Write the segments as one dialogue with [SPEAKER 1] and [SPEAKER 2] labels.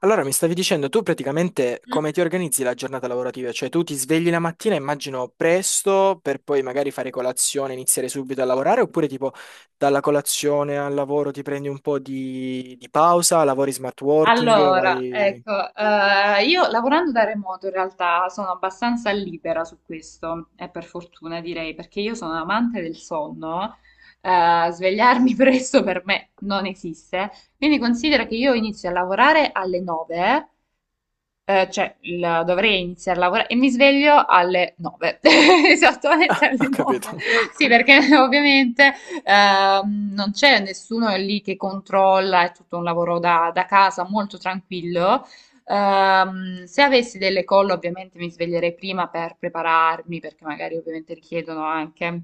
[SPEAKER 1] Allora, mi stavi dicendo tu praticamente come ti organizzi la giornata lavorativa? Cioè tu ti svegli la mattina, immagino presto, per poi magari fare colazione, iniziare subito a lavorare, oppure tipo dalla colazione al lavoro ti prendi un po' di pausa, lavori smart working,
[SPEAKER 2] Allora,
[SPEAKER 1] vai...
[SPEAKER 2] ecco, io lavorando da remoto in realtà sono abbastanza libera su questo, e per fortuna direi, perché io sono amante del sonno, svegliarmi presto per me non esiste, quindi considera che io inizio a lavorare alle 9. Cioè, dovrei iniziare a lavorare e mi sveglio alle 9, esattamente
[SPEAKER 1] Ho
[SPEAKER 2] alle 9.
[SPEAKER 1] capito.
[SPEAKER 2] Sì, perché ovviamente non c'è nessuno lì che controlla, è tutto un lavoro da casa molto tranquillo. Se avessi delle call, ovviamente mi sveglierei prima per prepararmi, perché magari ovviamente richiedono anche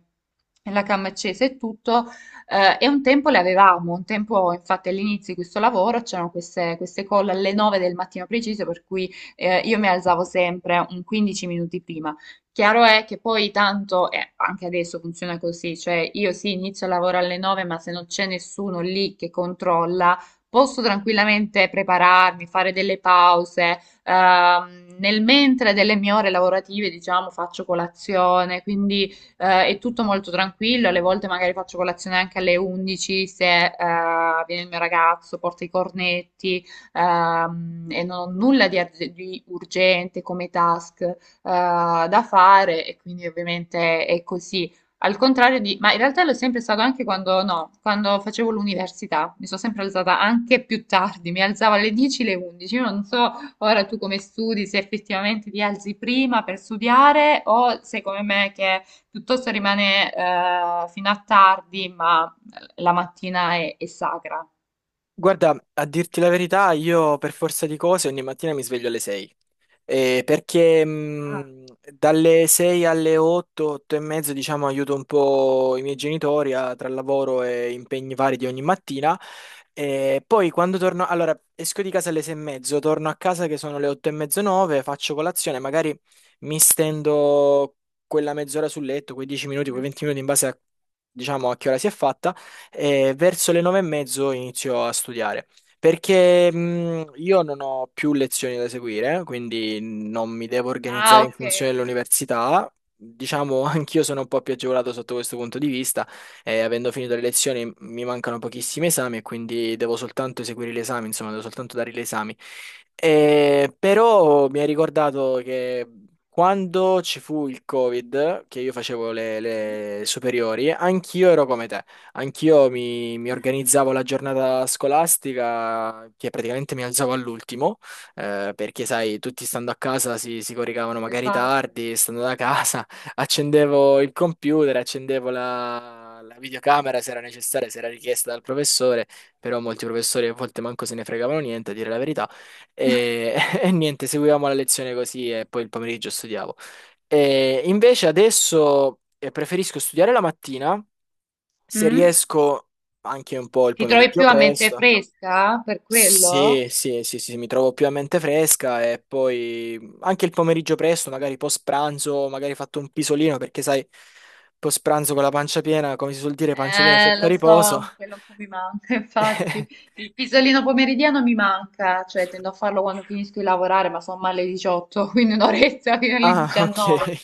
[SPEAKER 2] la cam accesa e tutto. E un tempo le avevamo, un tempo infatti all'inizio di questo lavoro c'erano queste call alle 9 del mattino preciso, per cui io mi alzavo sempre un 15 minuti prima. Chiaro è che poi tanto, anche adesso funziona così, cioè io sì inizio il lavoro alle 9, ma se non c'è nessuno lì che controlla, posso tranquillamente prepararmi, fare delle pause, nel mentre delle mie ore lavorative, diciamo, faccio colazione, quindi è tutto molto tranquillo, alle volte magari faccio colazione anche alle 11 se viene il mio ragazzo, porta i cornetti, e non ho nulla di urgente come task da fare e quindi ovviamente è così. Ma in realtà l'ho sempre stato anche quando, no, quando facevo l'università, mi sono sempre alzata anche più tardi, mi alzavo alle 10, alle 11, io non so ora tu come studi, se effettivamente ti alzi prima per studiare o se come me che piuttosto rimane fino a tardi, ma la mattina è sacra.
[SPEAKER 1] Guarda, a dirti la verità, io per forza di cose ogni mattina mi sveglio alle 6. Perché
[SPEAKER 2] Ah.
[SPEAKER 1] dalle 6 alle 8, 8 e mezzo, diciamo, aiuto un po' i miei genitori tra lavoro e impegni vari di ogni mattina. E poi quando torno, allora esco di casa alle 6 e mezzo, torno a casa che sono le 8 e mezzo, 9, faccio colazione, magari mi stendo quella mezz'ora sul letto, quei 10 minuti, quei 20 minuti in base a, diciamo, a che ora si è fatta e verso le 9:30 inizio a studiare. Perché io non ho più lezioni da seguire, quindi non mi devo organizzare
[SPEAKER 2] Ah,
[SPEAKER 1] in
[SPEAKER 2] vedi,
[SPEAKER 1] funzione
[SPEAKER 2] ok.
[SPEAKER 1] dell'università. Diciamo, anch'io sono un po' più agevolato sotto questo punto di vista. E avendo finito le lezioni mi mancano pochissimi esami, e quindi devo soltanto eseguire l'esame, insomma, devo soltanto dare gli esami. Però mi ha ricordato che quando ci fu il Covid, che io facevo le,
[SPEAKER 2] Ma.
[SPEAKER 1] le superiori, anch'io ero come te. Anch'io mi organizzavo la giornata scolastica, che praticamente mi alzavo all'ultimo, perché sai, tutti stando a casa si coricavano magari
[SPEAKER 2] Esatto.
[SPEAKER 1] tardi, stando da casa, accendevo il computer, accendevo la videocamera se era necessaria, se era richiesta dal professore, però molti professori a volte manco se ne fregavano niente, a dire la verità, e, e niente, seguivamo la lezione così e poi il pomeriggio studiavo. E invece adesso preferisco studiare la mattina se
[SPEAKER 2] Mm?
[SPEAKER 1] riesco anche un po' il
[SPEAKER 2] Ti trovi
[SPEAKER 1] pomeriggio
[SPEAKER 2] più a mente
[SPEAKER 1] presto.
[SPEAKER 2] fresca per quello?
[SPEAKER 1] Sì, sì, sì, sì, sì, mi trovo più a mente fresca e poi anche il pomeriggio presto, magari post pranzo, magari fatto un pisolino perché sai, post pranzo con la pancia piena, come si suol dire, pancia piena
[SPEAKER 2] Eh,
[SPEAKER 1] secca
[SPEAKER 2] lo
[SPEAKER 1] riposo.
[SPEAKER 2] so, quello un po' mi manca, infatti. Il pisolino pomeridiano mi manca, cioè tendo a farlo quando finisco di lavorare, ma sono alle 18, quindi un'oretta fino alle
[SPEAKER 1] Ah, ok.
[SPEAKER 2] 19.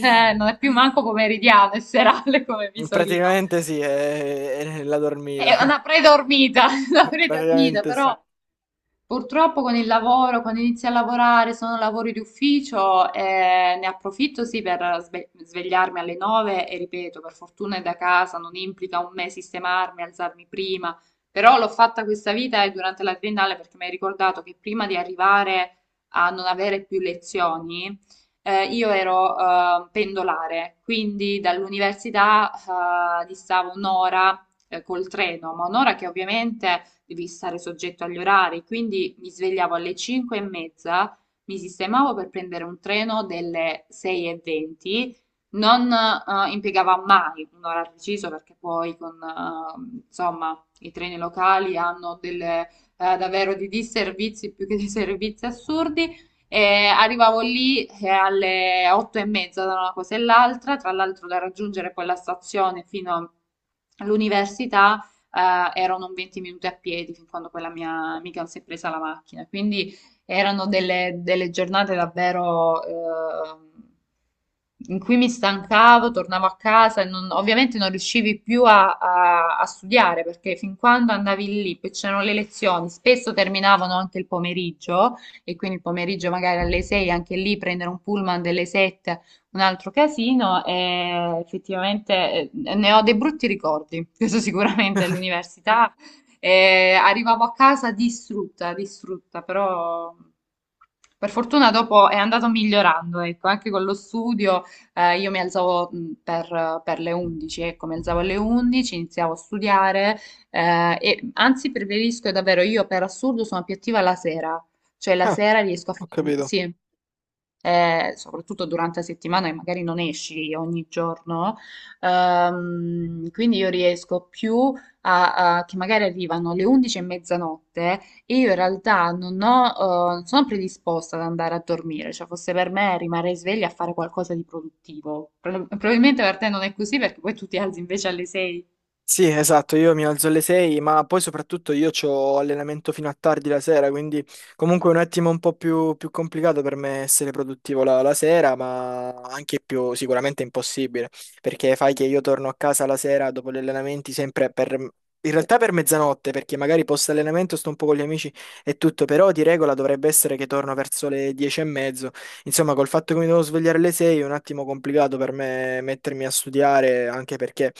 [SPEAKER 2] Non è più manco pomeridiano, è serale come pisolino.
[SPEAKER 1] Praticamente sì, è la
[SPEAKER 2] È
[SPEAKER 1] dormita.
[SPEAKER 2] una predormita, una predormita,
[SPEAKER 1] Praticamente sì.
[SPEAKER 2] però. Purtroppo con il lavoro, quando inizio a lavorare, sono lavori di ufficio, ne approfitto sì per svegliarmi alle 9 e ripeto, per fortuna è da casa, non implica un me sistemarmi, alzarmi prima, però l'ho fatta questa vita e durante la triennale perché mi hai ricordato che prima di arrivare a non avere più lezioni, io ero pendolare, quindi dall'università distavo un'ora col treno, ma un'ora che ovviamente devi stare soggetto agli orari, quindi mi svegliavo alle 5 e mezza, mi sistemavo per prendere un treno delle 6 e 20, non impiegava mai un'ora precisa perché poi insomma, i treni locali hanno delle, davvero di disservizi più che dei servizi assurdi e arrivavo lì alle 8 e mezza da una cosa e l'altra, tra l'altro da raggiungere quella stazione fino all'università erano un 20 minuti a piedi, fin quando quella mia amica non si è presa la macchina. Quindi erano delle giornate davvero in cui mi stancavo, tornavo a casa e ovviamente non riuscivi più a studiare perché fin quando andavi lì, poi c'erano le lezioni, spesso terminavano anche il pomeriggio e quindi il pomeriggio magari alle 6, anche lì prendere un pullman delle 7, un altro casino, e effettivamente ne ho dei brutti ricordi, questo sicuramente all'università. E arrivavo a casa distrutta, distrutta, però per fortuna dopo è andato migliorando, ecco, anche con lo studio, io mi alzavo per le 11, ecco, mi alzavo alle 11, iniziavo a studiare, e anzi preferisco davvero, io per assurdo sono più attiva la sera, cioè la
[SPEAKER 1] Ah,
[SPEAKER 2] sera riesco a
[SPEAKER 1] ho
[SPEAKER 2] fare.
[SPEAKER 1] capito.
[SPEAKER 2] Sì. Soprattutto durante la settimana che magari non esci ogni giorno, quindi io riesco più che magari arrivano le 11 e mezzanotte e io in realtà non ho, non sono predisposta ad andare a dormire, cioè fosse per me rimanere sveglia a fare qualcosa di produttivo. Probabilmente per te non è così perché poi tu ti alzi invece alle 6.
[SPEAKER 1] Sì, esatto, io mi alzo alle 6, ma poi soprattutto io ho allenamento fino a tardi la sera, quindi comunque è un attimo un po' più, più complicato per me essere produttivo la sera, ma anche più sicuramente impossibile, perché fai che io torno a casa la sera dopo gli allenamenti sempre per, in realtà per mezzanotte, perché magari post allenamento sto un po' con gli amici e tutto, però di regola dovrebbe essere che torno verso le 10 e mezzo, insomma col fatto che mi devo svegliare alle 6 è un attimo complicato per me mettermi a studiare, anche perché...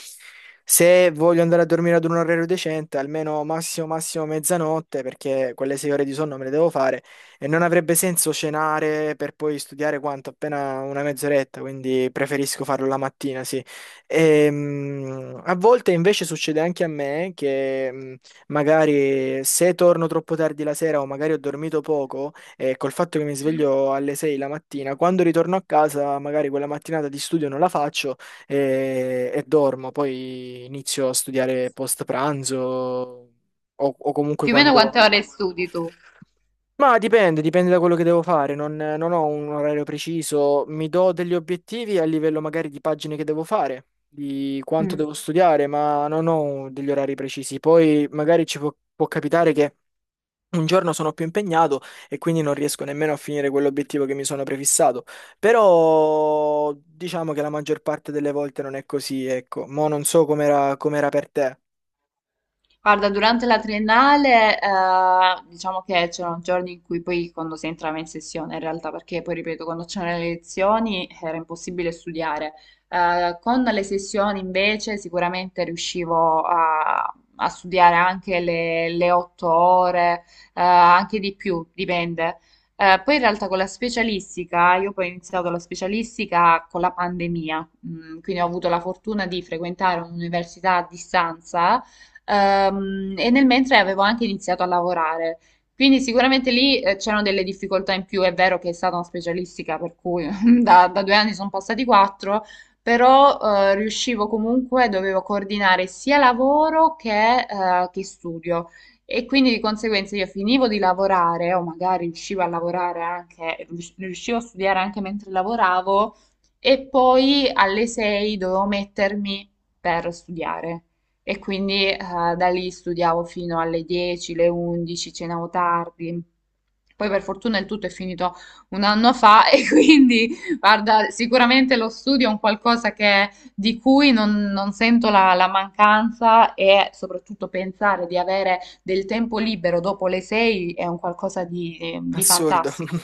[SPEAKER 1] Se voglio andare a dormire ad un orario decente, almeno massimo massimo mezzanotte, perché quelle 6 ore di sonno me le devo fare e non avrebbe senso cenare per poi studiare quanto? Appena una mezz'oretta, quindi preferisco farlo la mattina, sì. A volte invece succede anche a me che magari se torno troppo tardi la sera o magari ho dormito poco e col fatto che mi sveglio alle 6 la mattina, quando ritorno a casa magari quella mattinata di studio non la faccio e dormo, poi inizio a studiare post pranzo o comunque
[SPEAKER 2] Più o meno
[SPEAKER 1] quando...
[SPEAKER 2] quante ore studi tu?
[SPEAKER 1] Ma dipende, dipende da quello che devo fare, non, non ho un orario preciso, mi do degli obiettivi a livello magari di pagine che devo fare, di quanto
[SPEAKER 2] Mm.
[SPEAKER 1] devo studiare, ma non ho degli orari precisi. Poi magari ci può capitare che un giorno sono più impegnato e quindi non riesco nemmeno a finire quell'obiettivo che mi sono prefissato. Però diciamo che la maggior parte delle volte non è così, ecco. Mo' non so com'era per te.
[SPEAKER 2] Guarda, durante la triennale, diciamo che c'erano giorni in cui poi quando si entrava in sessione, in realtà, perché poi ripeto, quando c'erano le lezioni era impossibile studiare. Con le sessioni invece sicuramente riuscivo a studiare anche le 8 ore, anche di più, dipende. Poi in realtà con la specialistica, io poi ho iniziato la specialistica con la pandemia, quindi ho avuto la fortuna di frequentare un'università a distanza. E nel mentre avevo anche iniziato a lavorare. Quindi sicuramente lì c'erano delle difficoltà in più, è vero che è stata una specialistica, per cui da 2 anni sono passati quattro, però riuscivo comunque, dovevo coordinare sia lavoro che studio. E quindi di conseguenza io finivo di lavorare, o magari riuscivo a lavorare anche, riuscivo a studiare anche mentre lavoravo, e poi alle 6 dovevo mettermi per studiare. E quindi da lì studiavo fino alle 10, le 11, cenavo tardi. Poi per fortuna il tutto è finito un anno fa e quindi, guarda, sicuramente lo studio è un qualcosa di cui non sento la mancanza e soprattutto pensare di avere del tempo libero dopo le 6 è un qualcosa di
[SPEAKER 1] Assurdo.
[SPEAKER 2] fantastico.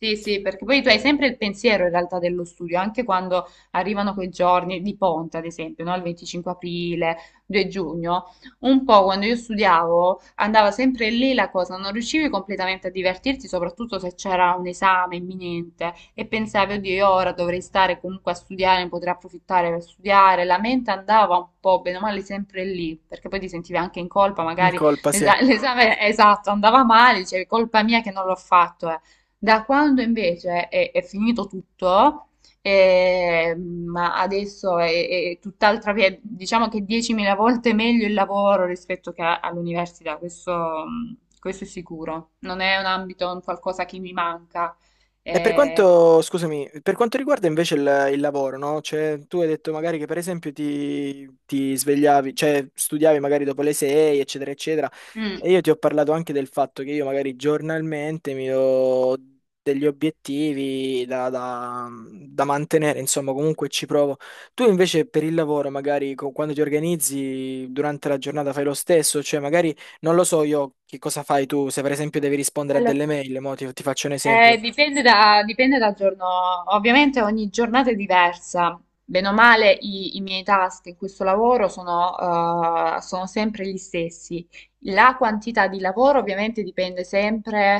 [SPEAKER 2] Sì, sì, perché poi tu hai sempre il pensiero in realtà dello studio, anche quando arrivano quei giorni di ponte, ad esempio, no? Il 25 aprile, 2 giugno, un po' quando io studiavo andava sempre lì la cosa, non riuscivi completamente a divertirti, soprattutto se c'era un esame imminente e pensavi, oddio, io ora dovrei stare comunque a studiare, ne potrei approfittare per studiare, la mente andava un po' bene o male sempre lì, perché poi ti sentivi anche in colpa,
[SPEAKER 1] In
[SPEAKER 2] magari
[SPEAKER 1] colpa, sì.
[SPEAKER 2] l'esame esatto andava male, dicevi colpa mia che non l'ho fatto. Da quando invece è finito tutto, ma adesso è tutt'altra via, diciamo che 10.000 volte meglio il lavoro rispetto che all'università, questo, mm, questo è sicuro. Non è un ambito, un qualcosa che mi manca.
[SPEAKER 1] E per
[SPEAKER 2] Eh,
[SPEAKER 1] quanto, scusami, per quanto riguarda invece il lavoro, no? Cioè, tu hai detto magari che per esempio ti svegliavi, cioè studiavi magari dopo le 6, eccetera, eccetera.
[SPEAKER 2] mm.
[SPEAKER 1] E io ti ho parlato anche del fatto che io magari giornalmente mi do degli obiettivi da mantenere, insomma, comunque ci provo. Tu invece per il lavoro, magari quando ti organizzi durante la giornata fai lo stesso, cioè magari non lo so io che cosa fai tu, se per esempio devi rispondere a
[SPEAKER 2] Allora,
[SPEAKER 1] delle mail, mo ti faccio un esempio.
[SPEAKER 2] dipende dal giorno, ovviamente ogni giornata è diversa. Bene o male, i miei task in questo lavoro sono sempre gli stessi. La quantità di lavoro ovviamente dipende sempre,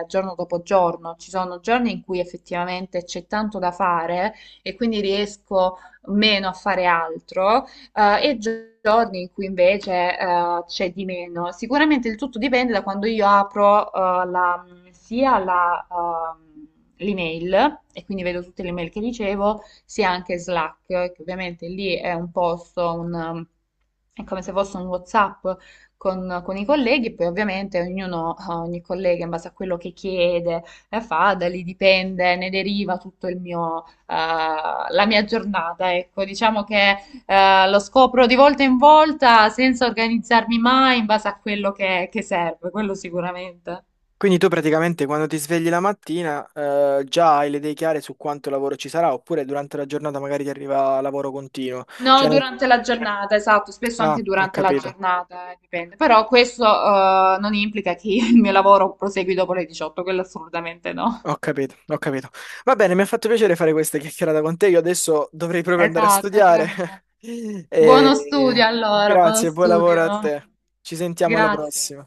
[SPEAKER 2] giorno dopo giorno. Ci sono giorni in cui effettivamente c'è tanto da fare e quindi riesco meno a fare altro, e giorni in cui invece c'è di meno. Sicuramente il tutto dipende da quando io apro sia l'email, e quindi vedo tutte le mail che ricevo, sia anche Slack, che ovviamente lì è un posto, è come se fosse un WhatsApp con i colleghi, poi ovviamente ogni collega in base a quello che chiede e fa, da lì dipende, ne deriva tutto la mia giornata. Ecco, diciamo che lo scopro di volta in volta senza organizzarmi mai in base a quello che serve, quello sicuramente.
[SPEAKER 1] Quindi tu praticamente quando ti svegli la mattina già hai le idee chiare su quanto lavoro ci sarà, oppure durante la giornata magari ti arriva lavoro continuo.
[SPEAKER 2] No,
[SPEAKER 1] Cioè,
[SPEAKER 2] durante la giornata, esatto, spesso
[SPEAKER 1] ah,
[SPEAKER 2] anche
[SPEAKER 1] ho
[SPEAKER 2] durante la
[SPEAKER 1] capito,
[SPEAKER 2] giornata, dipende. Però questo, non implica che il mio lavoro prosegui dopo le 18, quello assolutamente no.
[SPEAKER 1] ho capito, ho capito. Va bene, mi ha fatto piacere fare questa chiacchierata con te. Io adesso dovrei proprio andare a
[SPEAKER 2] Esatto, anche
[SPEAKER 1] studiare.
[SPEAKER 2] per me. Buono
[SPEAKER 1] E,
[SPEAKER 2] studio allora, buono
[SPEAKER 1] grazie, buon lavoro a
[SPEAKER 2] studio.
[SPEAKER 1] te. Ci sentiamo alla
[SPEAKER 2] Grazie.
[SPEAKER 1] prossima.